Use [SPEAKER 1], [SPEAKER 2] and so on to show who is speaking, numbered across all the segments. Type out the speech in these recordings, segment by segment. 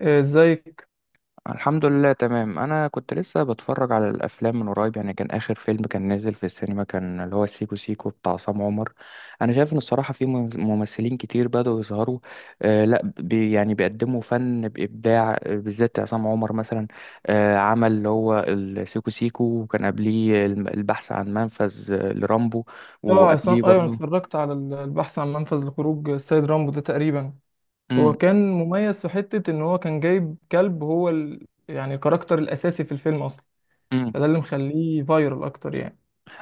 [SPEAKER 1] آه، ازيك.
[SPEAKER 2] الحمد لله، تمام. انا كنت لسه بتفرج على الافلام من قريب، يعني كان اخر فيلم كان نازل في السينما كان اللي هو سيكو سيكو بتاع عصام عمر. انا شايف ان الصراحه في ممثلين كتير بدأوا يظهروا. لا بي، يعني بيقدموا فن بابداع، بالذات عصام عمر مثلا. عمل اللي هو السيكو سيكو، وكان قبليه البحث عن منفذ، لرامبو.
[SPEAKER 1] اه، عصام،
[SPEAKER 2] وقبليه
[SPEAKER 1] ايوه. أنا
[SPEAKER 2] برضه.
[SPEAKER 1] اتفرجت على البحث عن منفذ لخروج السيد رامبو ده تقريبا. هو
[SPEAKER 2] امم.
[SPEAKER 1] كان مميز في حتة ان هو كان جايب كلب، هو يعني الكاركتر الاساسي في الفيلم اصلا، فده اللي مخليه فايرال اكتر يعني.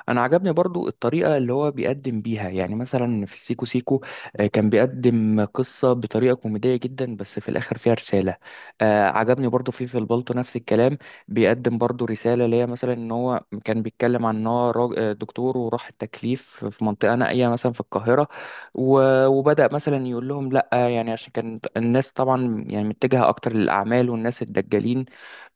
[SPEAKER 2] انا عجبني برضو الطريقه اللي هو بيقدم بيها، يعني مثلا في سيكو سيكو كان بيقدم قصه بطريقه كوميديه جدا بس في الاخر فيها رساله. عجبني برضو في البلطو نفس الكلام. بيقدم برضو رساله، اللي هي مثلا ان هو كان بيتكلم عن ان هو دكتور وراح التكليف في منطقه نائيه مثلا في القاهره. وبدا مثلا يقول لهم لا، يعني عشان كان الناس طبعا يعني متجهه اكتر للاعمال والناس الدجالين،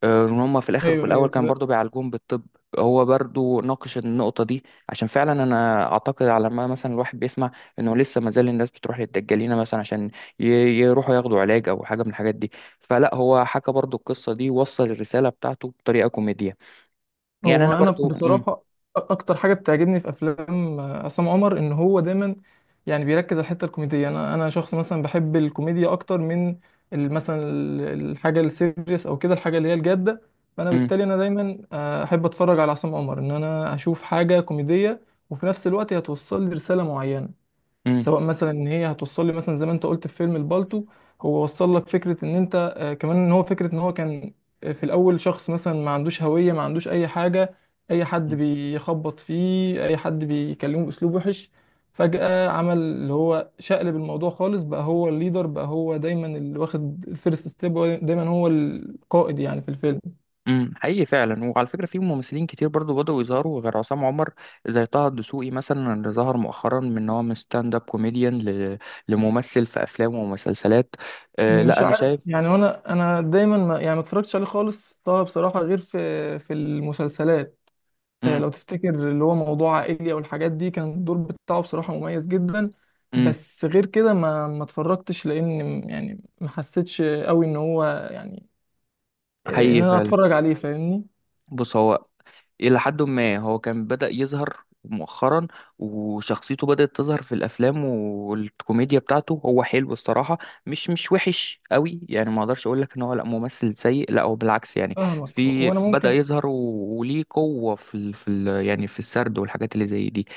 [SPEAKER 2] ان هم في الاخر وفي
[SPEAKER 1] ايوه،
[SPEAKER 2] الاول كان
[SPEAKER 1] ايوه.
[SPEAKER 2] برضو بيعالجوهم بالطب. هو برضو ناقش النقطة دي، عشان فعلا انا اعتقد على ما مثلا الواحد بيسمع انه لسه ما زال الناس بتروح للدجالين مثلا عشان ي- يروحوا ياخدوا علاج او حاجة من الحاجات دي. فلا، هو حكى برضو القصة دي، وصل الرسالة بتاعته بطريقة كوميدية. يعني
[SPEAKER 1] هو
[SPEAKER 2] انا
[SPEAKER 1] انا
[SPEAKER 2] برضو.
[SPEAKER 1] بصراحه اكتر حاجه بتعجبني في افلام عصام عمر ان هو دايما يعني بيركز على الحته الكوميديه. انا شخص مثلا بحب الكوميديا اكتر من مثلا الحاجه السيريس او كده الحاجه اللي هي الجاده. فانا
[SPEAKER 2] مم.
[SPEAKER 1] بالتالي انا دايما احب اتفرج على عصام عمر ان انا اشوف حاجه كوميديه، وفي نفس الوقت هتوصل لي رساله معينه.
[SPEAKER 2] مم.
[SPEAKER 1] سواء مثلا ان هي هتوصل لي مثلا زي ما انت قلت في فيلم البالتو، هو وصل لك فكره ان انت كمان، ان هو فكره ان هو كان في الاول شخص مثلا ما عندوش هويه، ما عندوش اي حاجه، اي حد بيخبط فيه، اي حد بيكلمه باسلوب وحش. فجاه عمل اللي هو شقلب الموضوع خالص، بقى هو الليدر، بقى هو دايما اللي واخد الفيرست ستيب، دايما هو القائد يعني في الفيلم.
[SPEAKER 2] حقيقي فعلا. وعلى فكره، في ممثلين كتير برضو بدأوا يظهروا غير عصام عمر، زي طه الدسوقي مثلا اللي ظهر مؤخرا من إن هو من ستاند اب كوميديان لممثل في افلام ومسلسلات. لا،
[SPEAKER 1] مش
[SPEAKER 2] انا
[SPEAKER 1] عارف
[SPEAKER 2] شايف.
[SPEAKER 1] يعني. انا دايما ما يعني ما اتفرجتش عليه خالص طه بصراحه، غير في المسلسلات.
[SPEAKER 2] امم.
[SPEAKER 1] لو تفتكر اللي هو موضوع عائلي او الحاجات دي، كان الدور بتاعه بصراحة مميز جدا.
[SPEAKER 2] امم.
[SPEAKER 1] بس غير كده ما اتفرجتش، لان يعني ما حسيتش قوي ان هو يعني ان
[SPEAKER 2] حقيقي
[SPEAKER 1] انا
[SPEAKER 2] فعلا.
[SPEAKER 1] اتفرج عليه. فاهمني؟
[SPEAKER 2] بص، هو إلى حد ما هو كان بدأ يظهر مؤخرا، وشخصيته بدأت تظهر في الأفلام، والكوميديا بتاعته هو حلو الصراحة. مش وحش قوي، يعني ما أقدرش أقول لك إن هو لا ممثل سيء، لا هو بالعكس يعني.
[SPEAKER 1] فاهمك،
[SPEAKER 2] في
[SPEAKER 1] وانا
[SPEAKER 2] بدأ
[SPEAKER 1] ممكن.
[SPEAKER 2] يظهر وليه قوة في ال في ال يعني في السرد والحاجات اللي زي دي.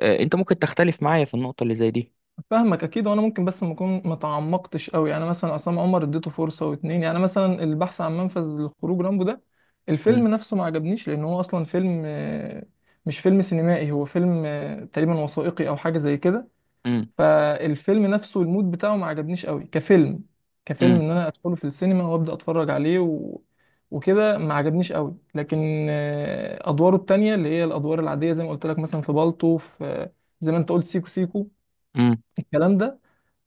[SPEAKER 2] أنت ممكن تختلف معايا في النقطة اللي زي دي.
[SPEAKER 1] فاهمك اكيد، وانا ممكن، بس ما اكون ما تعمقتش قوي يعني. مثلا عصام عمر اديته فرصة واتنين يعني، مثلا البحث عن منفذ لخروج رامبو ده،
[SPEAKER 2] مم.
[SPEAKER 1] الفيلم نفسه ما عجبنيش لان هو اصلا فيلم مش فيلم سينمائي، هو فيلم تقريبا وثائقي او حاجة زي كده.
[SPEAKER 2] مم.
[SPEAKER 1] فالفيلم نفسه المود بتاعه ما عجبنيش قوي كفيلم، كفيلم
[SPEAKER 2] مم.
[SPEAKER 1] ان انا ادخله في السينما وابدا اتفرج عليه وكده ما عجبنيش قوي. لكن ادواره التانية اللي هي الادوار العاديه زي ما قلت لك، مثلا في بالطو، في زي ما انت قلت سيكو سيكو،
[SPEAKER 2] مم.
[SPEAKER 1] الكلام ده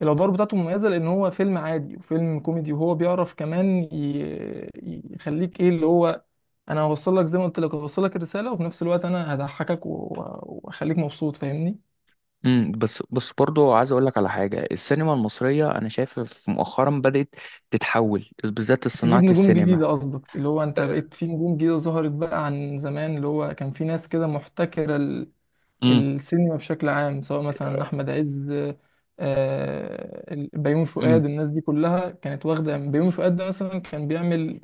[SPEAKER 1] الادوار بتاعته مميزه. لان هو فيلم عادي وفيلم كوميدي، وهو بيعرف كمان يخليك ايه اللي هو، انا هوصل لك زي ما قلت لك، هوصل لك الرساله وفي نفس الوقت انا هضحكك واخليك مبسوط. فاهمني؟
[SPEAKER 2] مم. بس بس برضو عايز اقول لك على حاجه، السينما المصريه انا شايف مؤخرا بدات تتحول، بالذات
[SPEAKER 1] تجيب
[SPEAKER 2] صناعه
[SPEAKER 1] نجوم
[SPEAKER 2] السينما.
[SPEAKER 1] جديدة قصدك؟ اللي هو انت بقيت في نجوم جديدة ظهرت، بقى عن زمان اللي هو كان في ناس كده محتكرة
[SPEAKER 2] امم.
[SPEAKER 1] السينما بشكل عام، سواء مثلا أحمد عز، بيومي
[SPEAKER 2] امم.
[SPEAKER 1] فؤاد. الناس دي كلها كانت واخدة. بيومي فؤاد ده مثلا كان بيعمل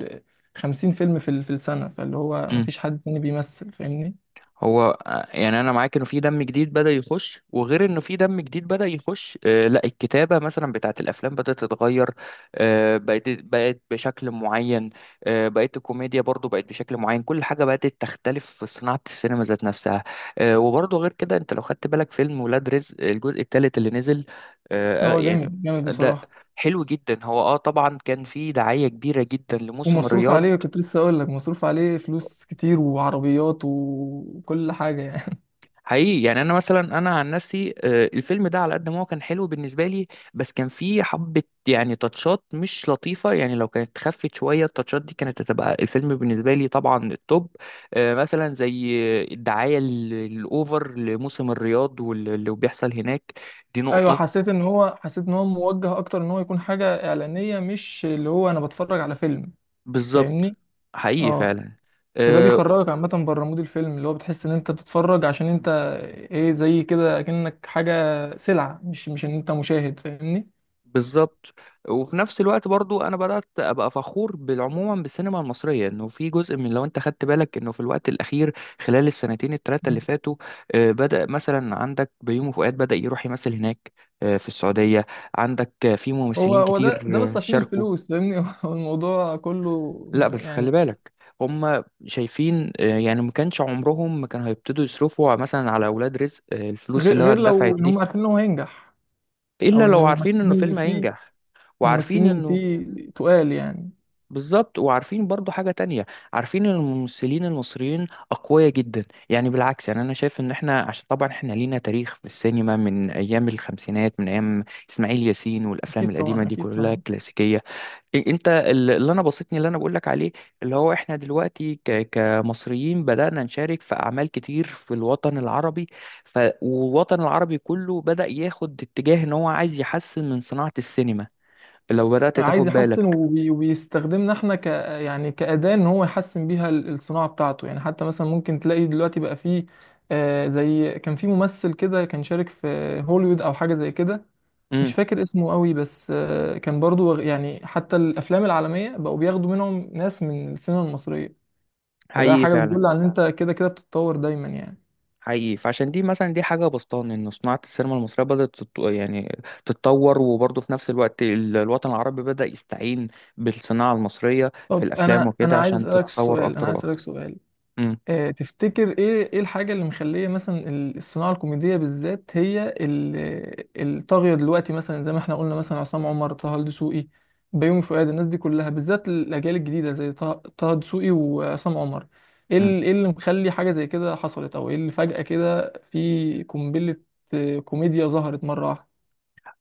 [SPEAKER 1] 50 فيلم في في السنة، فاللي هو
[SPEAKER 2] امم.
[SPEAKER 1] مفيش حد تاني بيمثل. فاهمني؟
[SPEAKER 2] هو يعني انا معاك انه في دم جديد بدأ يخش، وغير انه في دم جديد بدأ يخش، لا، الكتابة مثلا بتاعت الافلام بدأت تتغير. بقت بقت بشكل معين. بقت الكوميديا برضو بقت بشكل معين، كل حاجة بقت تختلف في صناعة السينما ذات نفسها. وبرضو غير كده، انت لو خدت بالك فيلم ولاد رزق الجزء الثالث اللي نزل،
[SPEAKER 1] هو
[SPEAKER 2] يعني
[SPEAKER 1] جامد جامد
[SPEAKER 2] ده
[SPEAKER 1] بصراحة.
[SPEAKER 2] حلو جدا. هو طبعا كان في دعاية كبيرة جدا لموسم
[SPEAKER 1] ومصروف
[SPEAKER 2] الرياض.
[SPEAKER 1] عليه، كنت لسه أقول لك مصروف عليه فلوس كتير وعربيات وكل حاجة يعني.
[SPEAKER 2] حقيقي، يعني انا مثلا انا عن نفسي، الفيلم ده على قد ما هو كان حلو بالنسبه لي، بس كان فيه حبه يعني تاتشات مش لطيفه، يعني لو كانت خفت شويه التاتشات دي كانت هتبقى الفيلم بالنسبه لي طبعا التوب. مثلا زي الدعايه الاوفر لموسم الرياض واللي بيحصل هناك، دي
[SPEAKER 1] ايوه،
[SPEAKER 2] نقطه.
[SPEAKER 1] حسيت ان هو، حسيت ان هو موجه اكتر ان هو يكون حاجه اعلانيه، مش اللي هو انا بتفرج على فيلم.
[SPEAKER 2] بالظبط.
[SPEAKER 1] فاهمني؟
[SPEAKER 2] حقيقي
[SPEAKER 1] اه.
[SPEAKER 2] فعلا.
[SPEAKER 1] وده
[SPEAKER 2] آه.
[SPEAKER 1] بيخرجك عامه بره مود الفيلم، اللي هو بتحس ان انت بتتفرج عشان انت ايه، زي كده اكنك حاجه، سلعه، مش ان انت مشاهد. فاهمني؟
[SPEAKER 2] بالظبط. وفي نفس الوقت برضو انا بدات ابقى فخور بالعموما بالسينما المصريه، انه في جزء من، لو انت خدت بالك انه في الوقت الاخير خلال السنتين الثلاثه اللي
[SPEAKER 1] مم.
[SPEAKER 2] فاتوا، بدا مثلا عندك بيومي فؤاد بدا يروح يمثل هناك، في السعوديه. عندك في
[SPEAKER 1] هو
[SPEAKER 2] ممثلين
[SPEAKER 1] هو
[SPEAKER 2] كتير
[SPEAKER 1] ده بس عشان
[SPEAKER 2] شاركوا.
[SPEAKER 1] الفلوس. فاهمني؟ هو الموضوع كله
[SPEAKER 2] لا بس خلي
[SPEAKER 1] يعني.
[SPEAKER 2] بالك، هم شايفين، يعني ما كانش عمرهم ما كانوا هيبتدوا يصرفوا مثلا على اولاد رزق الفلوس
[SPEAKER 1] غير
[SPEAKER 2] اللي هو
[SPEAKER 1] غير
[SPEAKER 2] اتدفعت
[SPEAKER 1] لو ان هم
[SPEAKER 2] دي،
[SPEAKER 1] عارفين ان هو هينجح،
[SPEAKER 2] الا
[SPEAKER 1] او ان
[SPEAKER 2] لو عارفين
[SPEAKER 1] الممثلين
[SPEAKER 2] انه
[SPEAKER 1] اللي
[SPEAKER 2] فيلم
[SPEAKER 1] فيه،
[SPEAKER 2] هينجح. وعارفين
[SPEAKER 1] الممثلين اللي
[SPEAKER 2] انه،
[SPEAKER 1] فيه تقال يعني.
[SPEAKER 2] بالظبط. وعارفين برضو حاجة تانية، عارفين ان الممثلين المصريين أقوياء جدا، يعني بالعكس، يعني أنا شايف ان احنا، عشان طبعا احنا لينا تاريخ في السينما من أيام الخمسينات، من أيام إسماعيل ياسين والأفلام
[SPEAKER 1] اكيد
[SPEAKER 2] القديمة
[SPEAKER 1] طبعا،
[SPEAKER 2] دي
[SPEAKER 1] اكيد
[SPEAKER 2] كلها
[SPEAKER 1] طبعا.
[SPEAKER 2] كلاسيكية. أنت اللي أنا بسطني اللي أنا بقولك عليه، اللي هو احنا دلوقتي كمصريين بدأنا نشارك في أعمال كتير في الوطن العربي. والوطن العربي كله بدأ ياخد اتجاه ان هو عايز يحسن من صناعة السينما، لو بدأت
[SPEAKER 1] عايز
[SPEAKER 2] تاخد
[SPEAKER 1] يحسن
[SPEAKER 2] بالك.
[SPEAKER 1] وبيستخدمنا احنا يعني كأداة ان هو يحسن بيها الصناعة بتاعته يعني. حتى مثلا ممكن تلاقي دلوقتي بقى فيه زي كان في ممثل كده كان شارك في هوليوود او حاجة زي كده، مش
[SPEAKER 2] امم.
[SPEAKER 1] فاكر اسمه قوي بس كان برضو يعني حتى الافلام العالمية بقوا بياخدوا منهم ناس من السينما المصرية. فده
[SPEAKER 2] حقيقي
[SPEAKER 1] حاجة
[SPEAKER 2] فعلا.
[SPEAKER 1] بتدل على ان انت كده كده بتتطور دايما يعني.
[SPEAKER 2] حقيقي فعشان دي مثلا، دي حاجة بسطان إن صناعة السينما المصرية بدأت يعني تتطور، وبرضه في نفس الوقت الوطن العربي بدأ يستعين بالصناعة المصرية في
[SPEAKER 1] طب
[SPEAKER 2] الأفلام
[SPEAKER 1] انا
[SPEAKER 2] وكده
[SPEAKER 1] انا عايز
[SPEAKER 2] عشان
[SPEAKER 1] اسالك
[SPEAKER 2] تتطور
[SPEAKER 1] سؤال، انا
[SPEAKER 2] أكتر
[SPEAKER 1] عايز اسالك
[SPEAKER 2] وأكتر.
[SPEAKER 1] سؤال.
[SPEAKER 2] مم.
[SPEAKER 1] تفتكر ايه، ايه الحاجة اللي مخلية مثلا الصناعة الكوميدية بالذات هي الطاغية دلوقتي؟ مثلا زي ما احنا قلنا، مثلا عصام عمر، طه دسوقي، بيومي فؤاد، الناس دي كلها، بالذات الأجيال الجديدة زي طه دسوقي وعصام عمر. ايه
[SPEAKER 2] مم.
[SPEAKER 1] ايه اللي مخلي حاجة زي كده حصلت؟ او ايه اللي فجأة كده في قنبلة كوميديا ظهرت مرة واحدة؟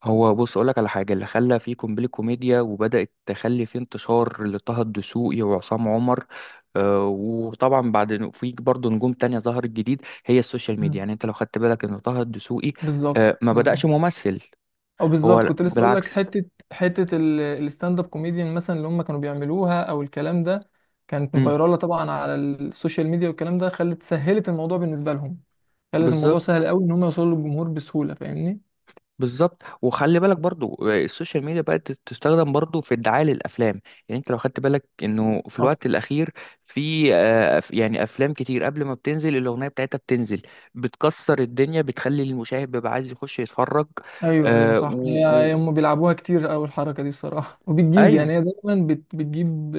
[SPEAKER 2] هو بص، أقولك على حاجة، اللي خلى في قنبلة كوميديا وبدأت تخلي في انتشار لطه الدسوقي وعصام عمر، وطبعا بعد إنه في برضه نجوم تانية ظهرت جديد، هي السوشيال ميديا.
[SPEAKER 1] مم.
[SPEAKER 2] يعني انت لو خدت بالك ان طه الدسوقي
[SPEAKER 1] بالظبط،
[SPEAKER 2] ما بدأش
[SPEAKER 1] بالظبط.
[SPEAKER 2] ممثل،
[SPEAKER 1] او بالظبط،
[SPEAKER 2] هو
[SPEAKER 1] كنت لسه اقول لك
[SPEAKER 2] بالعكس.
[SPEAKER 1] حته الستاند اب كوميديان مثلا اللي هم كانوا بيعملوها او الكلام ده، كانت
[SPEAKER 2] مم.
[SPEAKER 1] فيراله طبعا على السوشيال ميديا، والكلام ده خلت، سهلت الموضوع بالنسبه لهم. خلت الموضوع
[SPEAKER 2] بالظبط،
[SPEAKER 1] سهل قوي ان هم يوصلوا للجمهور بسهوله. فاهمني؟
[SPEAKER 2] بالظبط. وخلي بالك برضو، السوشيال ميديا بقت تستخدم برضو في الدعاية للأفلام، يعني انت لو خدت بالك انه في
[SPEAKER 1] أصلا.
[SPEAKER 2] الوقت الأخير في يعني أفلام كتير قبل ما بتنزل الأغنية بتاعتها بتنزل بتكسر الدنيا، بتخلي المشاهد بيبقى عايز يخش يتفرج.
[SPEAKER 1] ايوه، ايوه،
[SPEAKER 2] آه، و...
[SPEAKER 1] صح. هي
[SPEAKER 2] و...
[SPEAKER 1] هم بيلعبوها كتير قوي الحركه دي الصراحه. وبتجيب
[SPEAKER 2] أيوه.
[SPEAKER 1] يعني، هي دايما بتجيب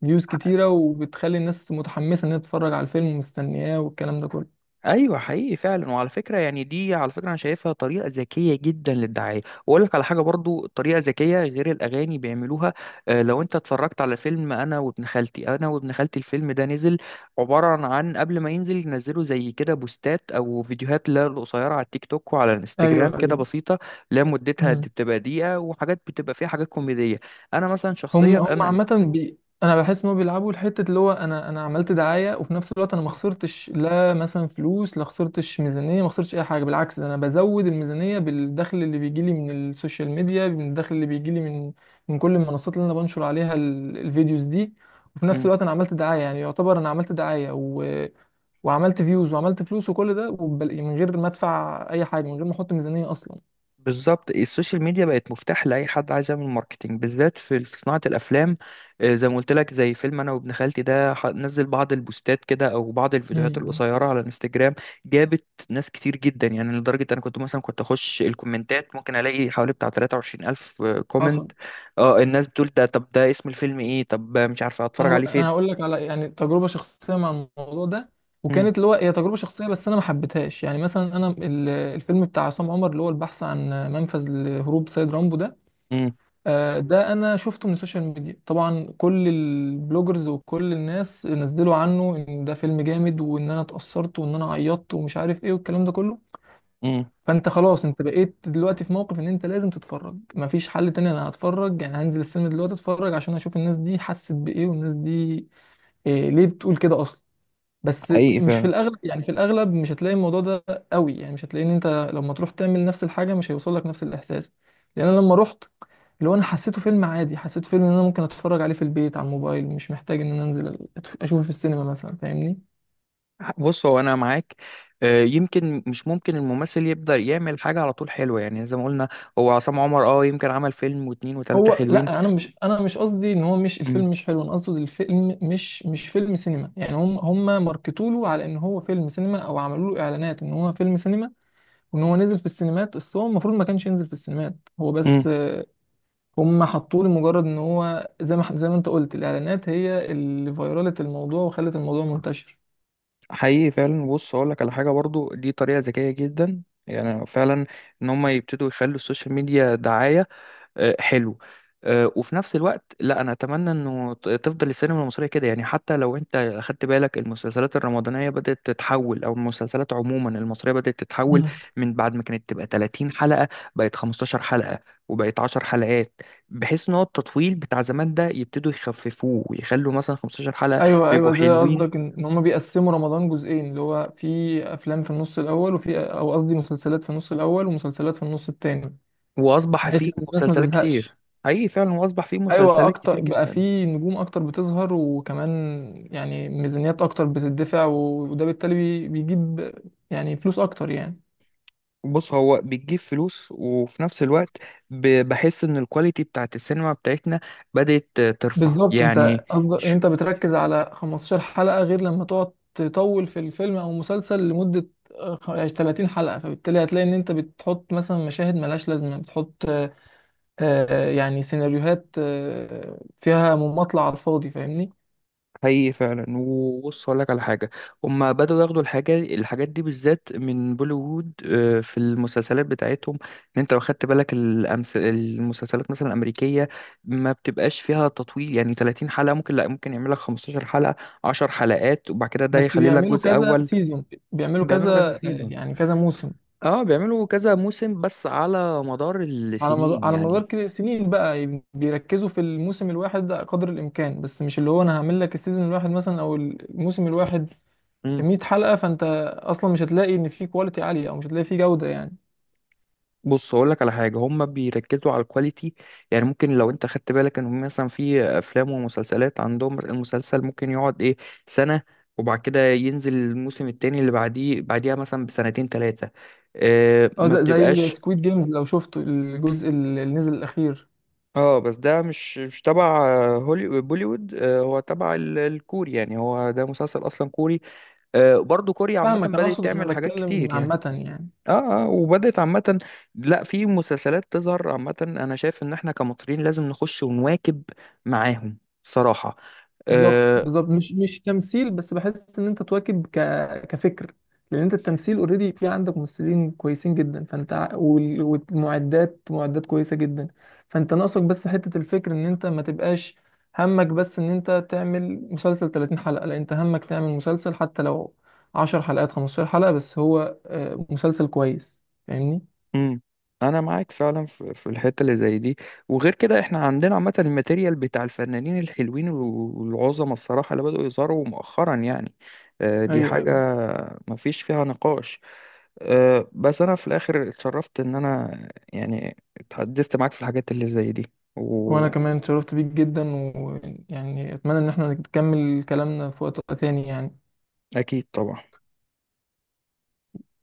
[SPEAKER 1] فيوز كتيره، وبتخلي الناس متحمسه انها تتفرج على الفيلم ومستنياه والكلام ده كله.
[SPEAKER 2] ايوه، حقيقي فعلا. وعلى فكره يعني دي، على فكره انا شايفها طريقه ذكيه جدا للدعايه، واقول لك على حاجه برضو طريقه ذكيه غير الاغاني بيعملوها. لو انت اتفرجت على فيلم انا وابن خالتي، انا وابن خالتي الفيلم ده نزل عباره عن، قبل ما ينزل ينزلوا زي كده بوستات او فيديوهات، لا قصيره، على التيك توك وعلى
[SPEAKER 1] ايوه،
[SPEAKER 2] الانستجرام كده
[SPEAKER 1] ايوه.
[SPEAKER 2] بسيطه. لا مدتها دي بتبقى دقيقه، وحاجات بتبقى فيها حاجات كوميديه، انا مثلا
[SPEAKER 1] هم
[SPEAKER 2] شخصيا
[SPEAKER 1] هم عامة أنا بحس إن هو بيلعبوا الحتة اللي هو أنا عملت دعاية، وفي نفس الوقت أنا ما خسرتش، لا مثلا فلوس، لا خسرتش ميزانية، ما خسرتش أي حاجة. بالعكس، ده أنا بزود الميزانية بالدخل اللي بيجي لي من السوشيال ميديا، من الدخل اللي بيجي لي من كل المنصات اللي أنا بنشر عليها الفيديوز دي. وفي نفس
[SPEAKER 2] انا.
[SPEAKER 1] الوقت أنا عملت دعاية يعني، يعتبر أنا عملت دعاية وعملت فيوز وعملت فلوس وكل ده، من غير ما أدفع أي حاجة، من غير ما أحط ميزانية أصلا.
[SPEAKER 2] بالظبط. السوشيال ميديا بقت مفتاح لاي حد عايز يعمل ماركتينج، بالذات في صناعه الافلام. زي ما قلت لك، زي فيلم انا وابن خالتي ده نزل بعض البوستات كده او بعض الفيديوهات
[SPEAKER 1] امم
[SPEAKER 2] القصيره على الانستجرام، جابت ناس كتير جدا. يعني لدرجه انا كنت مثلا كنت اخش الكومنتات ممكن الاقي حوالي بتاع 23000 الف كومنت.
[SPEAKER 1] حصل.
[SPEAKER 2] اه الناس بتقول ده، طب ده اسم الفيلم ايه، طب مش عارفه اتفرج عليه فين.
[SPEAKER 1] انا هقول لك على، يعني، تجربه شخصيه مع الموضوع ده،
[SPEAKER 2] امم.
[SPEAKER 1] وكانت اللي هو هي تجربه شخصيه بس انا ما حبيتهاش يعني. مثلا انا الفيلم بتاع عصام عمر اللي هو البحث عن منفذ لهروب سيد رامبو ده،
[SPEAKER 2] امم.
[SPEAKER 1] ده انا شفته من السوشيال ميديا طبعا. كل البلوجرز وكل الناس نزلوا عنه ان ده فيلم جامد، وان انا اتأثرت، وان انا عيطت ومش عارف ايه والكلام ده كله.
[SPEAKER 2] امم.
[SPEAKER 1] فانت خلاص، انت بقيت دلوقتي في موقف ان انت لازم تتفرج، مفيش حل تاني. انا هتفرج يعني، هنزل السينما دلوقتي اتفرج عشان اشوف الناس دي حست بايه، والناس دي إيه، ليه بتقول كده اصلا. بس
[SPEAKER 2] حقيقي
[SPEAKER 1] مش في
[SPEAKER 2] فعلا.
[SPEAKER 1] الاغلب يعني، في الاغلب مش هتلاقي الموضوع ده قوي يعني. مش هتلاقي ان انت لما تروح تعمل نفس الحاجه مش هيوصل لك نفس الاحساس، لان انا لما رحت، اللي هو انا حسيته فيلم عادي. حسيت فيلم ان انا ممكن اتفرج عليه في البيت على الموبايل، مش محتاج ان انا انزل اشوفه في السينما مثلا. فاهمني؟
[SPEAKER 2] بص، هو انا معاك، يمكن مش ممكن الممثل يبدأ يعمل حاجة على طول حلوة، يعني زي ما قلنا هو عصام عمر يمكن عمل فيلم واتنين وتلاتة
[SPEAKER 1] هو
[SPEAKER 2] حلوين.
[SPEAKER 1] لا، انا مش، انا مش قصدي ان هو مش،
[SPEAKER 2] امم.
[SPEAKER 1] الفيلم مش حلو. انا قصدي الفيلم مش فيلم سينما يعني. هم هم ماركتوا له على ان هو فيلم سينما، او عملوا له اعلانات ان هو فيلم سينما، وان هو نزل في السينمات، بس هو المفروض ما كانش ينزل في السينمات. هو
[SPEAKER 2] امم.
[SPEAKER 1] بس هم حطوه لمجرد ان هو زي ما زي ما انت قلت، الاعلانات هي اللي فيرالت الموضوع وخلت الموضوع منتشر.
[SPEAKER 2] حقيقي فعلا. بص هقول لك على حاجة برضو، دي طريقة ذكية جدا يعني فعلا، ان هم يبتدوا يخلوا السوشيال ميديا دعاية. حلو. وفي نفس الوقت لا، انا اتمنى انه تفضل السينما المصريه كده، يعني حتى لو انت اخدت بالك المسلسلات الرمضانيه بدات تتحول، او المسلسلات عموما المصريه بدات تتحول
[SPEAKER 1] مم.
[SPEAKER 2] من بعد ما كانت تبقى 30 حلقه، بقت 15 حلقه وبقت 10 حلقات، بحيث ان هو التطويل بتاع زمان ده يبتدوا يخففوه ويخلوا مثلا 15 حلقه،
[SPEAKER 1] ايوه، ايوه.
[SPEAKER 2] بيبقوا
[SPEAKER 1] زي
[SPEAKER 2] حلوين،
[SPEAKER 1] قصدك ان إن هم بيقسموا رمضان جزئين، اللي هو في افلام في النص الاول، وفي، او قصدي مسلسلات في النص الاول ومسلسلات في النص التاني،
[SPEAKER 2] واصبح
[SPEAKER 1] بحيث
[SPEAKER 2] فيه
[SPEAKER 1] ان الناس ما
[SPEAKER 2] مسلسلات كتير.
[SPEAKER 1] تزهقش.
[SPEAKER 2] حقيقي فعلا، واصبح فيه
[SPEAKER 1] ايوه،
[SPEAKER 2] مسلسلات كتير
[SPEAKER 1] اكتر بقى،
[SPEAKER 2] جدا.
[SPEAKER 1] في نجوم اكتر بتظهر، وكمان يعني ميزانيات اكتر بتدفع، وده بالتالي بيجيب يعني فلوس اكتر يعني.
[SPEAKER 2] بص هو بتجيب فلوس، وفي نفس الوقت بحس ان الكواليتي بتاعت السينما بتاعتنا بدأت ترفع
[SPEAKER 1] بالظبط.
[SPEAKER 2] يعني.
[SPEAKER 1] انت قصدك
[SPEAKER 2] ش-
[SPEAKER 1] انت بتركز على 15 حلقة غير لما تقعد تطول في الفيلم او مسلسل لمدة 30 حلقة، فبالتالي هتلاقي ان انت بتحط مثلا مشاهد ملهاش لازمة، بتحط يعني سيناريوهات فيها مماطلة على الفاضي. فاهمني؟
[SPEAKER 2] حقيقي فعلا. وبص هقول لك على حاجه، هما بدأوا ياخدوا الحاجات دي بالذات من بوليوود، في المسلسلات بتاعتهم، ان انت لو خدت بالك المسلسلات مثلا الامريكيه ما بتبقاش فيها تطويل، يعني 30 حلقه ممكن، لا ممكن يعمل لك 15 حلقه، 10 حلقات، وبعد كده ده
[SPEAKER 1] بس
[SPEAKER 2] يخلي لك
[SPEAKER 1] بيعملوا
[SPEAKER 2] جزء
[SPEAKER 1] كذا
[SPEAKER 2] اول.
[SPEAKER 1] سيزون، بيعملوا كذا
[SPEAKER 2] بيعملوا كذا سيزون.
[SPEAKER 1] يعني كذا موسم.
[SPEAKER 2] اه بيعملوا كذا موسم بس على مدار
[SPEAKER 1] على مدار
[SPEAKER 2] السنين
[SPEAKER 1] على مدار
[SPEAKER 2] يعني.
[SPEAKER 1] كده سنين بقى يعني، بيركزوا في الموسم الواحد ده قدر الامكان، بس مش اللي هو انا هعمل لك السيزون الواحد مثلا او الموسم الواحد
[SPEAKER 2] امم.
[SPEAKER 1] 100 حلقة. فانت اصلا مش هتلاقي ان في كواليتي عالية، او مش هتلاقي في جودة يعني.
[SPEAKER 2] بص هقول لك على حاجه، هم بيركزوا على الكواليتي، يعني ممكن لو انت خدت بالك ان هم مثلا في افلام ومسلسلات عندهم، المسلسل ممكن يقعد ايه، سنه، وبعد كده ينزل الموسم التاني اللي بعديها مثلا بسنتين ثلاثه.
[SPEAKER 1] اه،
[SPEAKER 2] ما
[SPEAKER 1] زي,
[SPEAKER 2] بتبقاش.
[SPEAKER 1] سكويد جيمز لو شفت الجزء اللي نزل الاخير.
[SPEAKER 2] اه بس ده مش تبع بوليوود. هو تبع الكوري، يعني هو ده مسلسل اصلا كوري. برضو كوريا عامه
[SPEAKER 1] فاهمك، انا
[SPEAKER 2] بدأت
[SPEAKER 1] اقصد انا
[SPEAKER 2] تعمل حاجات
[SPEAKER 1] بتكلم
[SPEAKER 2] كتير يعني.
[SPEAKER 1] عامة يعني.
[SPEAKER 2] اه، اه، وبدأت عامة، لا، في مسلسلات تظهر عامة. انا شايف ان احنا كمصريين لازم نخش ونواكب معاهم صراحة.
[SPEAKER 1] بالظبط،
[SPEAKER 2] آه.
[SPEAKER 1] بالظبط. مش، مش تمثيل بس. بحس ان انت تواكب كفكر. لان انت التمثيل اوريدي في، عندك ممثلين كويسين جدا، فانت والمعدات معدات كويسه جدا. فانت ناقصك بس حته الفكر، ان انت ما تبقاش همك بس ان انت تعمل مسلسل 30 حلقه. لا، انت همك تعمل مسلسل حتى لو 10 حلقات، 15 حلقه، بس هو مسلسل كويس. فاهمني؟
[SPEAKER 2] امم. انا معاك فعلا في الحتة اللي زي دي. وغير كده احنا عندنا عامة الماتيريال بتاع الفنانين الحلوين والعظمى الصراحة اللي بدأوا يظهروا مؤخرا، يعني دي
[SPEAKER 1] ايوه،
[SPEAKER 2] حاجة
[SPEAKER 1] ايوه.
[SPEAKER 2] مفيش فيها نقاش. بس انا في الاخر اتشرفت ان انا يعني اتحدثت معاك في الحاجات اللي زي دي.
[SPEAKER 1] وانا كمان اتشرفت بيك جدا، ويعني اتمنى ان احنا نكمل كلامنا في وقت تاني يعني.
[SPEAKER 2] واكيد طبعا.